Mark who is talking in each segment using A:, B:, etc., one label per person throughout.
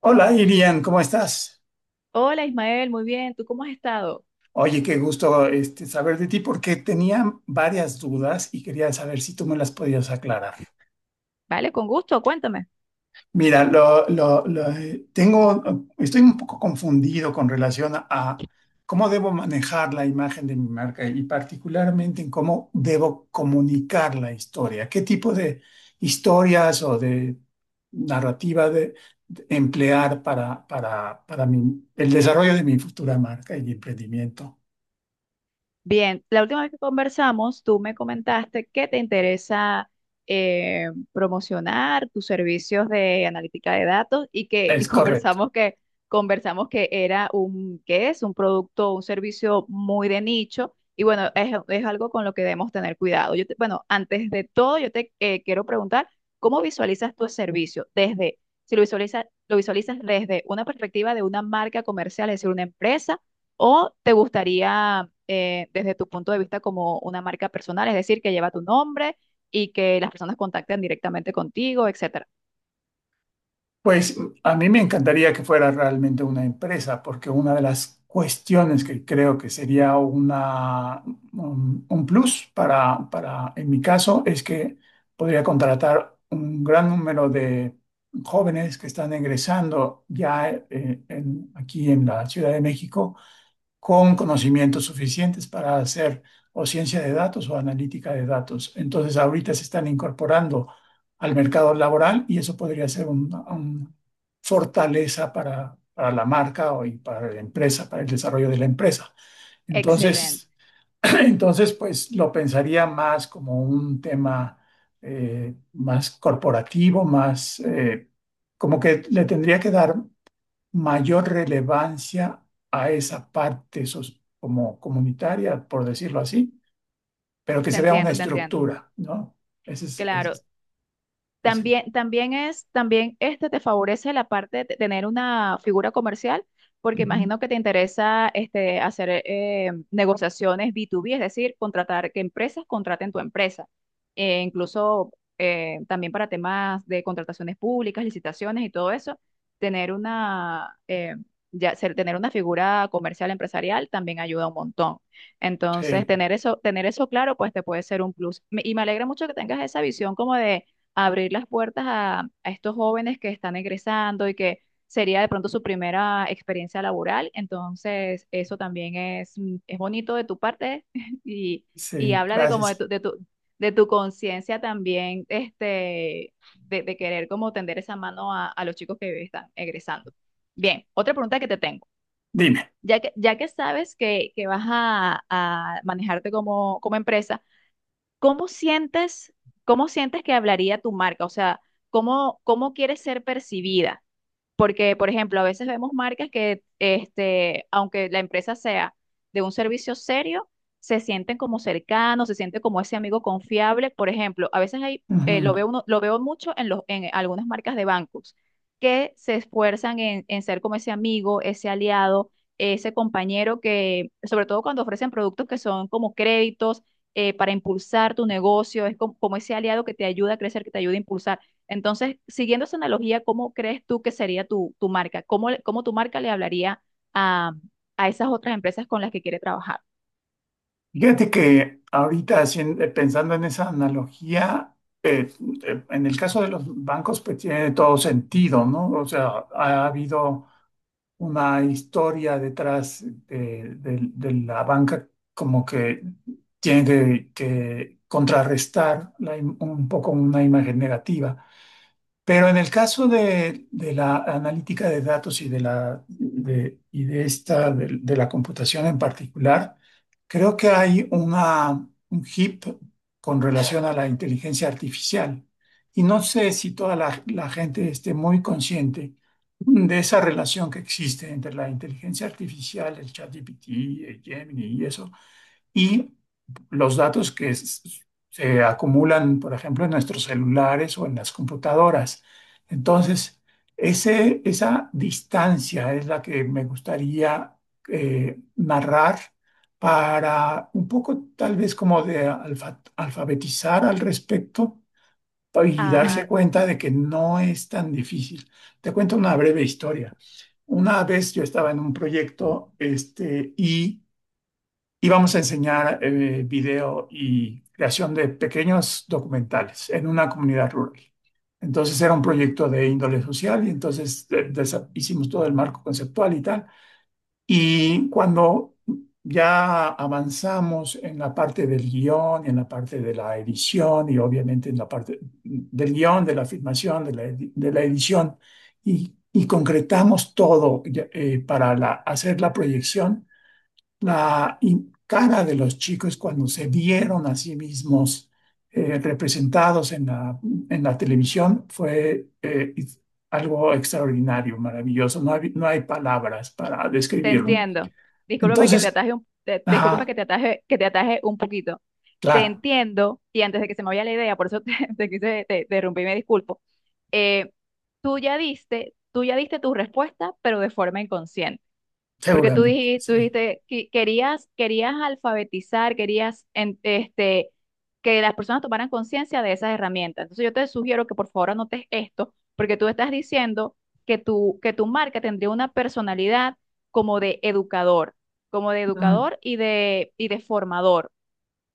A: Hola, Irian, ¿cómo estás?
B: Hola Ismael, muy bien, ¿tú cómo has estado?
A: Oye, qué gusto saber de ti porque tenía varias dudas y quería saber si tú me las podías aclarar.
B: Vale, con gusto, cuéntame.
A: Mira, tengo, estoy un poco confundido con relación a cómo debo manejar la imagen de mi marca y particularmente en cómo debo comunicar la historia. ¿Qué tipo de historias o de narrativa de emplear para el desarrollo de mi futura marca y emprendimiento?
B: Bien, la última vez que conversamos, tú me comentaste que te interesa promocionar tus servicios de analítica de datos y que
A: Es correcto.
B: conversamos que era un que es un producto, un servicio muy de nicho y bueno, es algo con lo que debemos tener cuidado. Bueno, antes de todo, yo te quiero preguntar cómo visualizas tu servicio desde si lo visualizas desde una perspectiva de una marca comercial, es decir, una empresa o te gustaría desde tu punto de vista como una marca personal, es decir, que lleva tu nombre y que las personas contacten directamente contigo, etcétera.
A: Pues a mí me encantaría que fuera realmente una empresa, porque una de las cuestiones que creo que sería un plus para, en mi caso, es que podría contratar un gran número de jóvenes que están egresando ya aquí en la Ciudad de México con conocimientos suficientes para hacer o ciencia de datos o analítica de datos. Entonces, ahorita se están incorporando al mercado laboral y eso podría ser una un fortaleza para la marca o y para la empresa, para el desarrollo de la empresa.
B: Excelente,
A: Entonces, entonces, pues lo pensaría más como un tema más corporativo, más... como que le tendría que dar mayor relevancia a esa parte como comunitaria, por decirlo así, pero que
B: te
A: se vea una
B: entiendo, te entiendo.
A: estructura, ¿no? Ese
B: Claro.
A: es el sen-
B: También te favorece la parte de tener una figura comercial, porque
A: ujú.
B: imagino que te interesa hacer negociaciones B2B, es decir, contratar que empresas contraten tu empresa. Incluso también para temas de contrataciones públicas, licitaciones y todo eso, tener una, eh, ya, tener una figura comercial empresarial también ayuda un montón. Entonces,
A: Sí,
B: tener eso claro, pues te puede ser un plus. Y me alegra mucho que tengas esa visión como de abrir las puertas a estos jóvenes que están egresando y que sería de pronto su primera experiencia laboral. Entonces, eso también es bonito de tu parte y, y
A: sí,
B: habla de como de
A: gracias.
B: tu conciencia también, de querer como tender esa mano a los chicos que están egresando. Bien, otra pregunta que te tengo.
A: Dime.
B: Ya que sabes que vas a manejarte como empresa. ¿Cómo sientes, cómo sientes que hablaría tu marca? O sea, ¿cómo quieres ser percibida? Porque, por ejemplo, a veces vemos marcas que, aunque la empresa sea de un servicio serio, se sienten como cercanos, se sienten como ese amigo confiable. Por ejemplo, a veces hay,
A: Ujú.
B: lo veo mucho en en algunas marcas de bancos que se esfuerzan en ser como ese amigo, ese aliado, ese compañero que, sobre todo cuando ofrecen productos que son como créditos para impulsar tu negocio, es como ese aliado que te ayuda a crecer, que te ayuda a impulsar. Entonces, siguiendo esa analogía, ¿cómo crees tú que sería tu marca? ¿Cómo tu marca le hablaría a, a esas otras empresas con las que quiere trabajar?
A: Fíjate que ahorita pensando en esa analogía, eh, en el caso de los bancos, pues tiene todo sentido, ¿no? O sea, ha habido una historia detrás de la banca, como que tiene que contrarrestar un poco una imagen negativa. Pero en el caso de la analítica de datos y de la, de, y de esta, de la computación en particular, creo que hay un hip con relación a la inteligencia artificial. Y no sé si toda la gente esté muy consciente de esa relación que existe entre la inteligencia artificial, el ChatGPT, el Gemini y eso, y los datos que se acumulan, por ejemplo, en nuestros celulares o en las computadoras. Entonces, esa distancia es la que me gustaría narrar para un poco tal vez como de alfabetizar al respecto y darse
B: Ah,
A: cuenta de que no es tan difícil. Te cuento una breve historia. Una vez yo estaba en un proyecto, este, y vamos a enseñar video y creación de pequeños documentales en una comunidad rural. Entonces era un proyecto de índole social y entonces hicimos todo el marco conceptual y tal. Y cuando ya avanzamos en la parte del guión, en la parte de la edición y obviamente en la parte del guión, de la filmación, de la edición y concretamos todo para hacer la proyección, cara de los chicos cuando se vieron a sí mismos representados en la televisión fue algo extraordinario, maravilloso. No hay, no hay palabras para
B: te
A: describirlo.
B: entiendo.
A: Entonces,
B: Discúlpame
A: ajá,
B: que te ataje un poquito. Te
A: claro,
B: entiendo, y antes de que se me vaya la idea, por eso te rompí, me disculpo. Eh, tú ya diste tu respuesta, pero de forma inconsciente. Porque tú
A: seguramente,
B: dijiste, tú
A: sí.
B: dijiste que querías alfabetizar, que las personas tomaran conciencia de esas herramientas. Entonces yo te sugiero que por favor anotes esto, porque tú estás diciendo que tu marca tendría una personalidad como de educador, como de
A: Ujú.
B: educador y de formador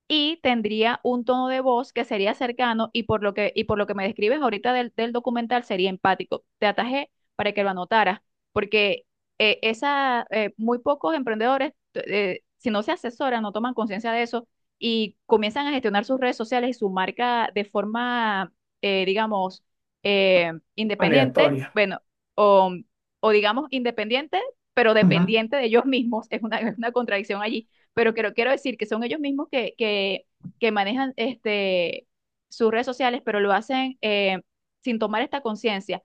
B: y tendría un tono de voz que sería cercano y por lo que me describes ahorita del documental sería empático. Te atajé para que lo anotaras, porque muy pocos emprendedores, si no se asesoran, no toman conciencia de eso y comienzan a gestionar sus redes sociales y su marca de forma, digamos, independiente,
A: Aleatoria.
B: bueno, o, o digamos independiente, pero
A: Ujú.
B: dependiente de ellos mismos, es una contradicción allí, pero quiero decir que son ellos mismos que manejan sus redes sociales, pero lo hacen sin tomar esta conciencia.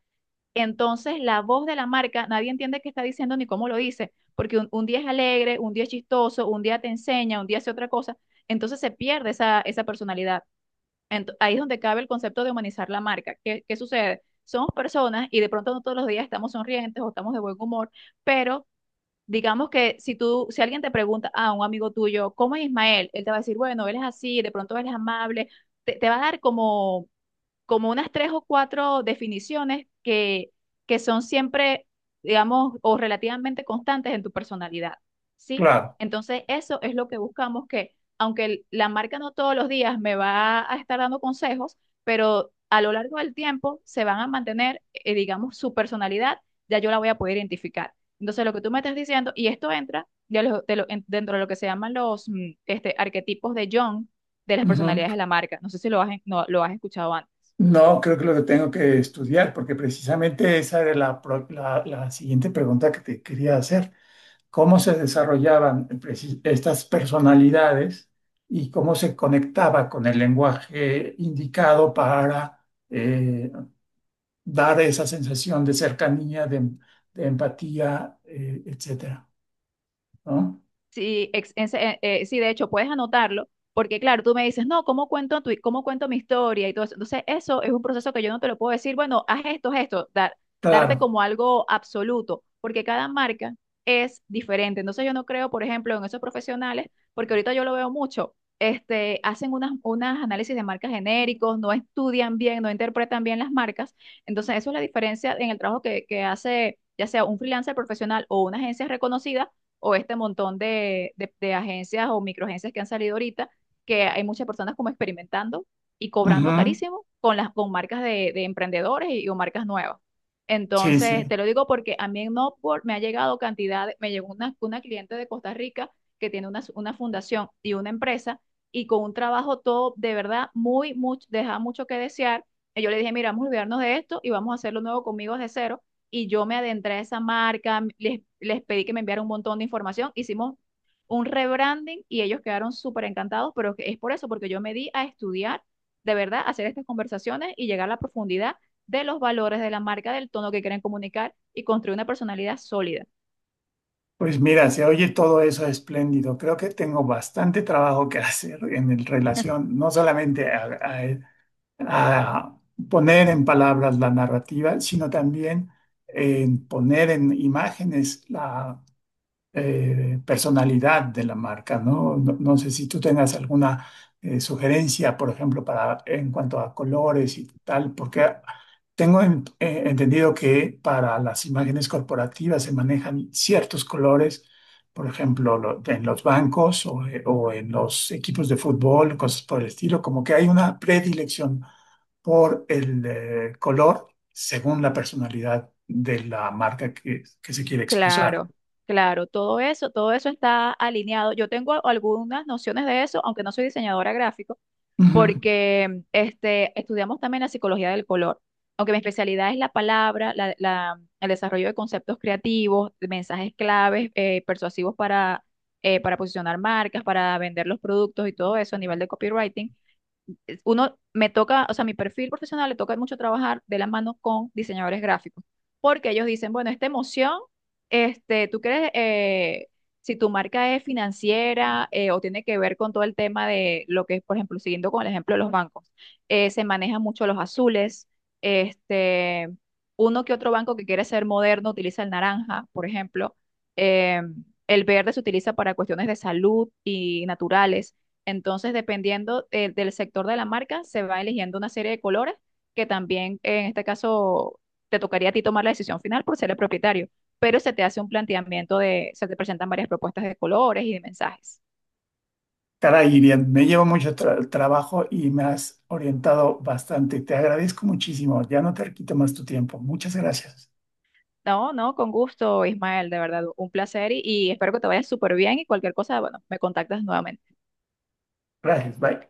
B: Entonces, la voz de la marca, nadie entiende qué está diciendo ni cómo lo dice, porque un día es alegre, un día es chistoso, un día te enseña, un día hace otra cosa, entonces se pierde esa personalidad. Ahí es donde cabe el concepto de humanizar la marca. ¿Qué sucede? Somos personas y de pronto no todos los días estamos sonrientes o estamos de buen humor, pero digamos que si alguien te pregunta a un amigo tuyo, ¿cómo es Ismael? Él te va a decir, bueno, él es así, de pronto él es amable, te va a dar como unas tres o cuatro definiciones que son siempre, digamos, o relativamente constantes en tu personalidad, ¿sí?
A: Claro.
B: Entonces, eso es lo que buscamos, que aunque la marca no todos los días me va a estar dando consejos, pero a lo largo del tiempo se van a mantener, digamos, su personalidad, ya yo la voy a poder identificar. Entonces, lo que tú me estás diciendo, y esto entra dentro de lo que se llaman los arquetipos de Jung, de las
A: Ujú.
B: personalidades de la marca. No sé si no, lo has escuchado antes.
A: No, creo que lo que tengo que estudiar, porque precisamente esa era la siguiente pregunta que te quería hacer. ¿Cómo se desarrollaban estas personalidades y cómo se conectaba con el lenguaje indicado para eh, dar esa sensación de cercanía, de empatía, etcétera? ¿No?
B: Sí, ex- en sí, de hecho, puedes anotarlo, porque claro, tú me dices, no, ¿cómo cómo cuento mi historia y todo eso? Entonces, eso es un proceso que yo no te lo puedo decir, bueno, haz esto, darte
A: Claro.
B: como algo absoluto, porque cada marca es diferente. Entonces, yo no creo, por ejemplo, en esos profesionales, porque ahorita yo lo veo mucho, hacen unas análisis de marcas genéricos, no estudian bien, no interpretan bien las marcas. Entonces, eso es la diferencia en el trabajo que hace, ya sea un freelancer profesional o una agencia reconocida o este montón de agencias o microagencias que han salido ahorita, que hay muchas personas como experimentando y cobrando
A: Ujú.
B: carísimo con las con marcas de emprendedores o marcas nuevas.
A: Sí,
B: Entonces,
A: sí.
B: te lo digo porque a mí en Upwork me ha llegado cantidad. Me llegó una cliente de Costa Rica que tiene una fundación y una empresa, y con un trabajo todo de verdad mucho, deja mucho que desear. Y yo le dije, mira, vamos a olvidarnos de esto y vamos a hacerlo nuevo conmigo desde cero, y yo me adentré a esa marca, les pedí que me enviaran un montón de información, hicimos un rebranding y ellos quedaron súper encantados. Pero es por eso, porque yo me di a estudiar, de verdad, hacer estas conversaciones y llegar a la profundidad de los valores de la marca, del tono que quieren comunicar y construir una personalidad sólida.
A: Pues mira, se oye todo eso espléndido. Creo que tengo bastante trabajo que hacer en relación, no solamente a a poner en palabras la narrativa, sino también en poner en imágenes personalidad de la marca, ¿no? No, no sé si tú tengas alguna sugerencia, por ejemplo, para, en cuanto a colores y tal, porque tengo entendido que para las imágenes corporativas se manejan ciertos colores, por ejemplo, en los bancos o en los equipos de fútbol, cosas por el estilo, como que hay una predilección por el color según la personalidad de la marca que se quiere expresar.
B: Claro, claro, todo eso está alineado. Yo tengo algunas nociones de eso, aunque no soy diseñadora gráfica, porque estudiamos también la psicología del color. Aunque mi especialidad es la palabra, el desarrollo de conceptos creativos, de mensajes claves, persuasivos para posicionar marcas, para vender los productos y todo eso a nivel de copywriting, uno me toca, o sea, mi perfil profesional le toca mucho trabajar de la mano con diseñadores gráficos, porque ellos dicen, bueno, esta emoción, tú crees, si tu marca es financiera o tiene que ver con todo el tema de lo que es, por ejemplo, siguiendo con el ejemplo de los bancos, se manejan mucho los azules, este, uno que otro banco que quiere ser moderno utiliza el naranja, por ejemplo. eh, el verde se utiliza para cuestiones de salud y naturales. Entonces, dependiendo del sector de la marca, se va eligiendo una serie de colores que también en este caso te tocaría a ti tomar la decisión final por ser el propietario, pero se te presentan varias propuestas de colores y de mensajes.
A: Caray, Irian, me llevo mucho trabajo y me has orientado bastante. Te agradezco muchísimo. Ya no te quito más tu tiempo. Muchas gracias.
B: No, no, con gusto, Ismael, de verdad, un placer, y espero que te vayas súper bien, y cualquier cosa, bueno, me contactas nuevamente.
A: Gracias, bye.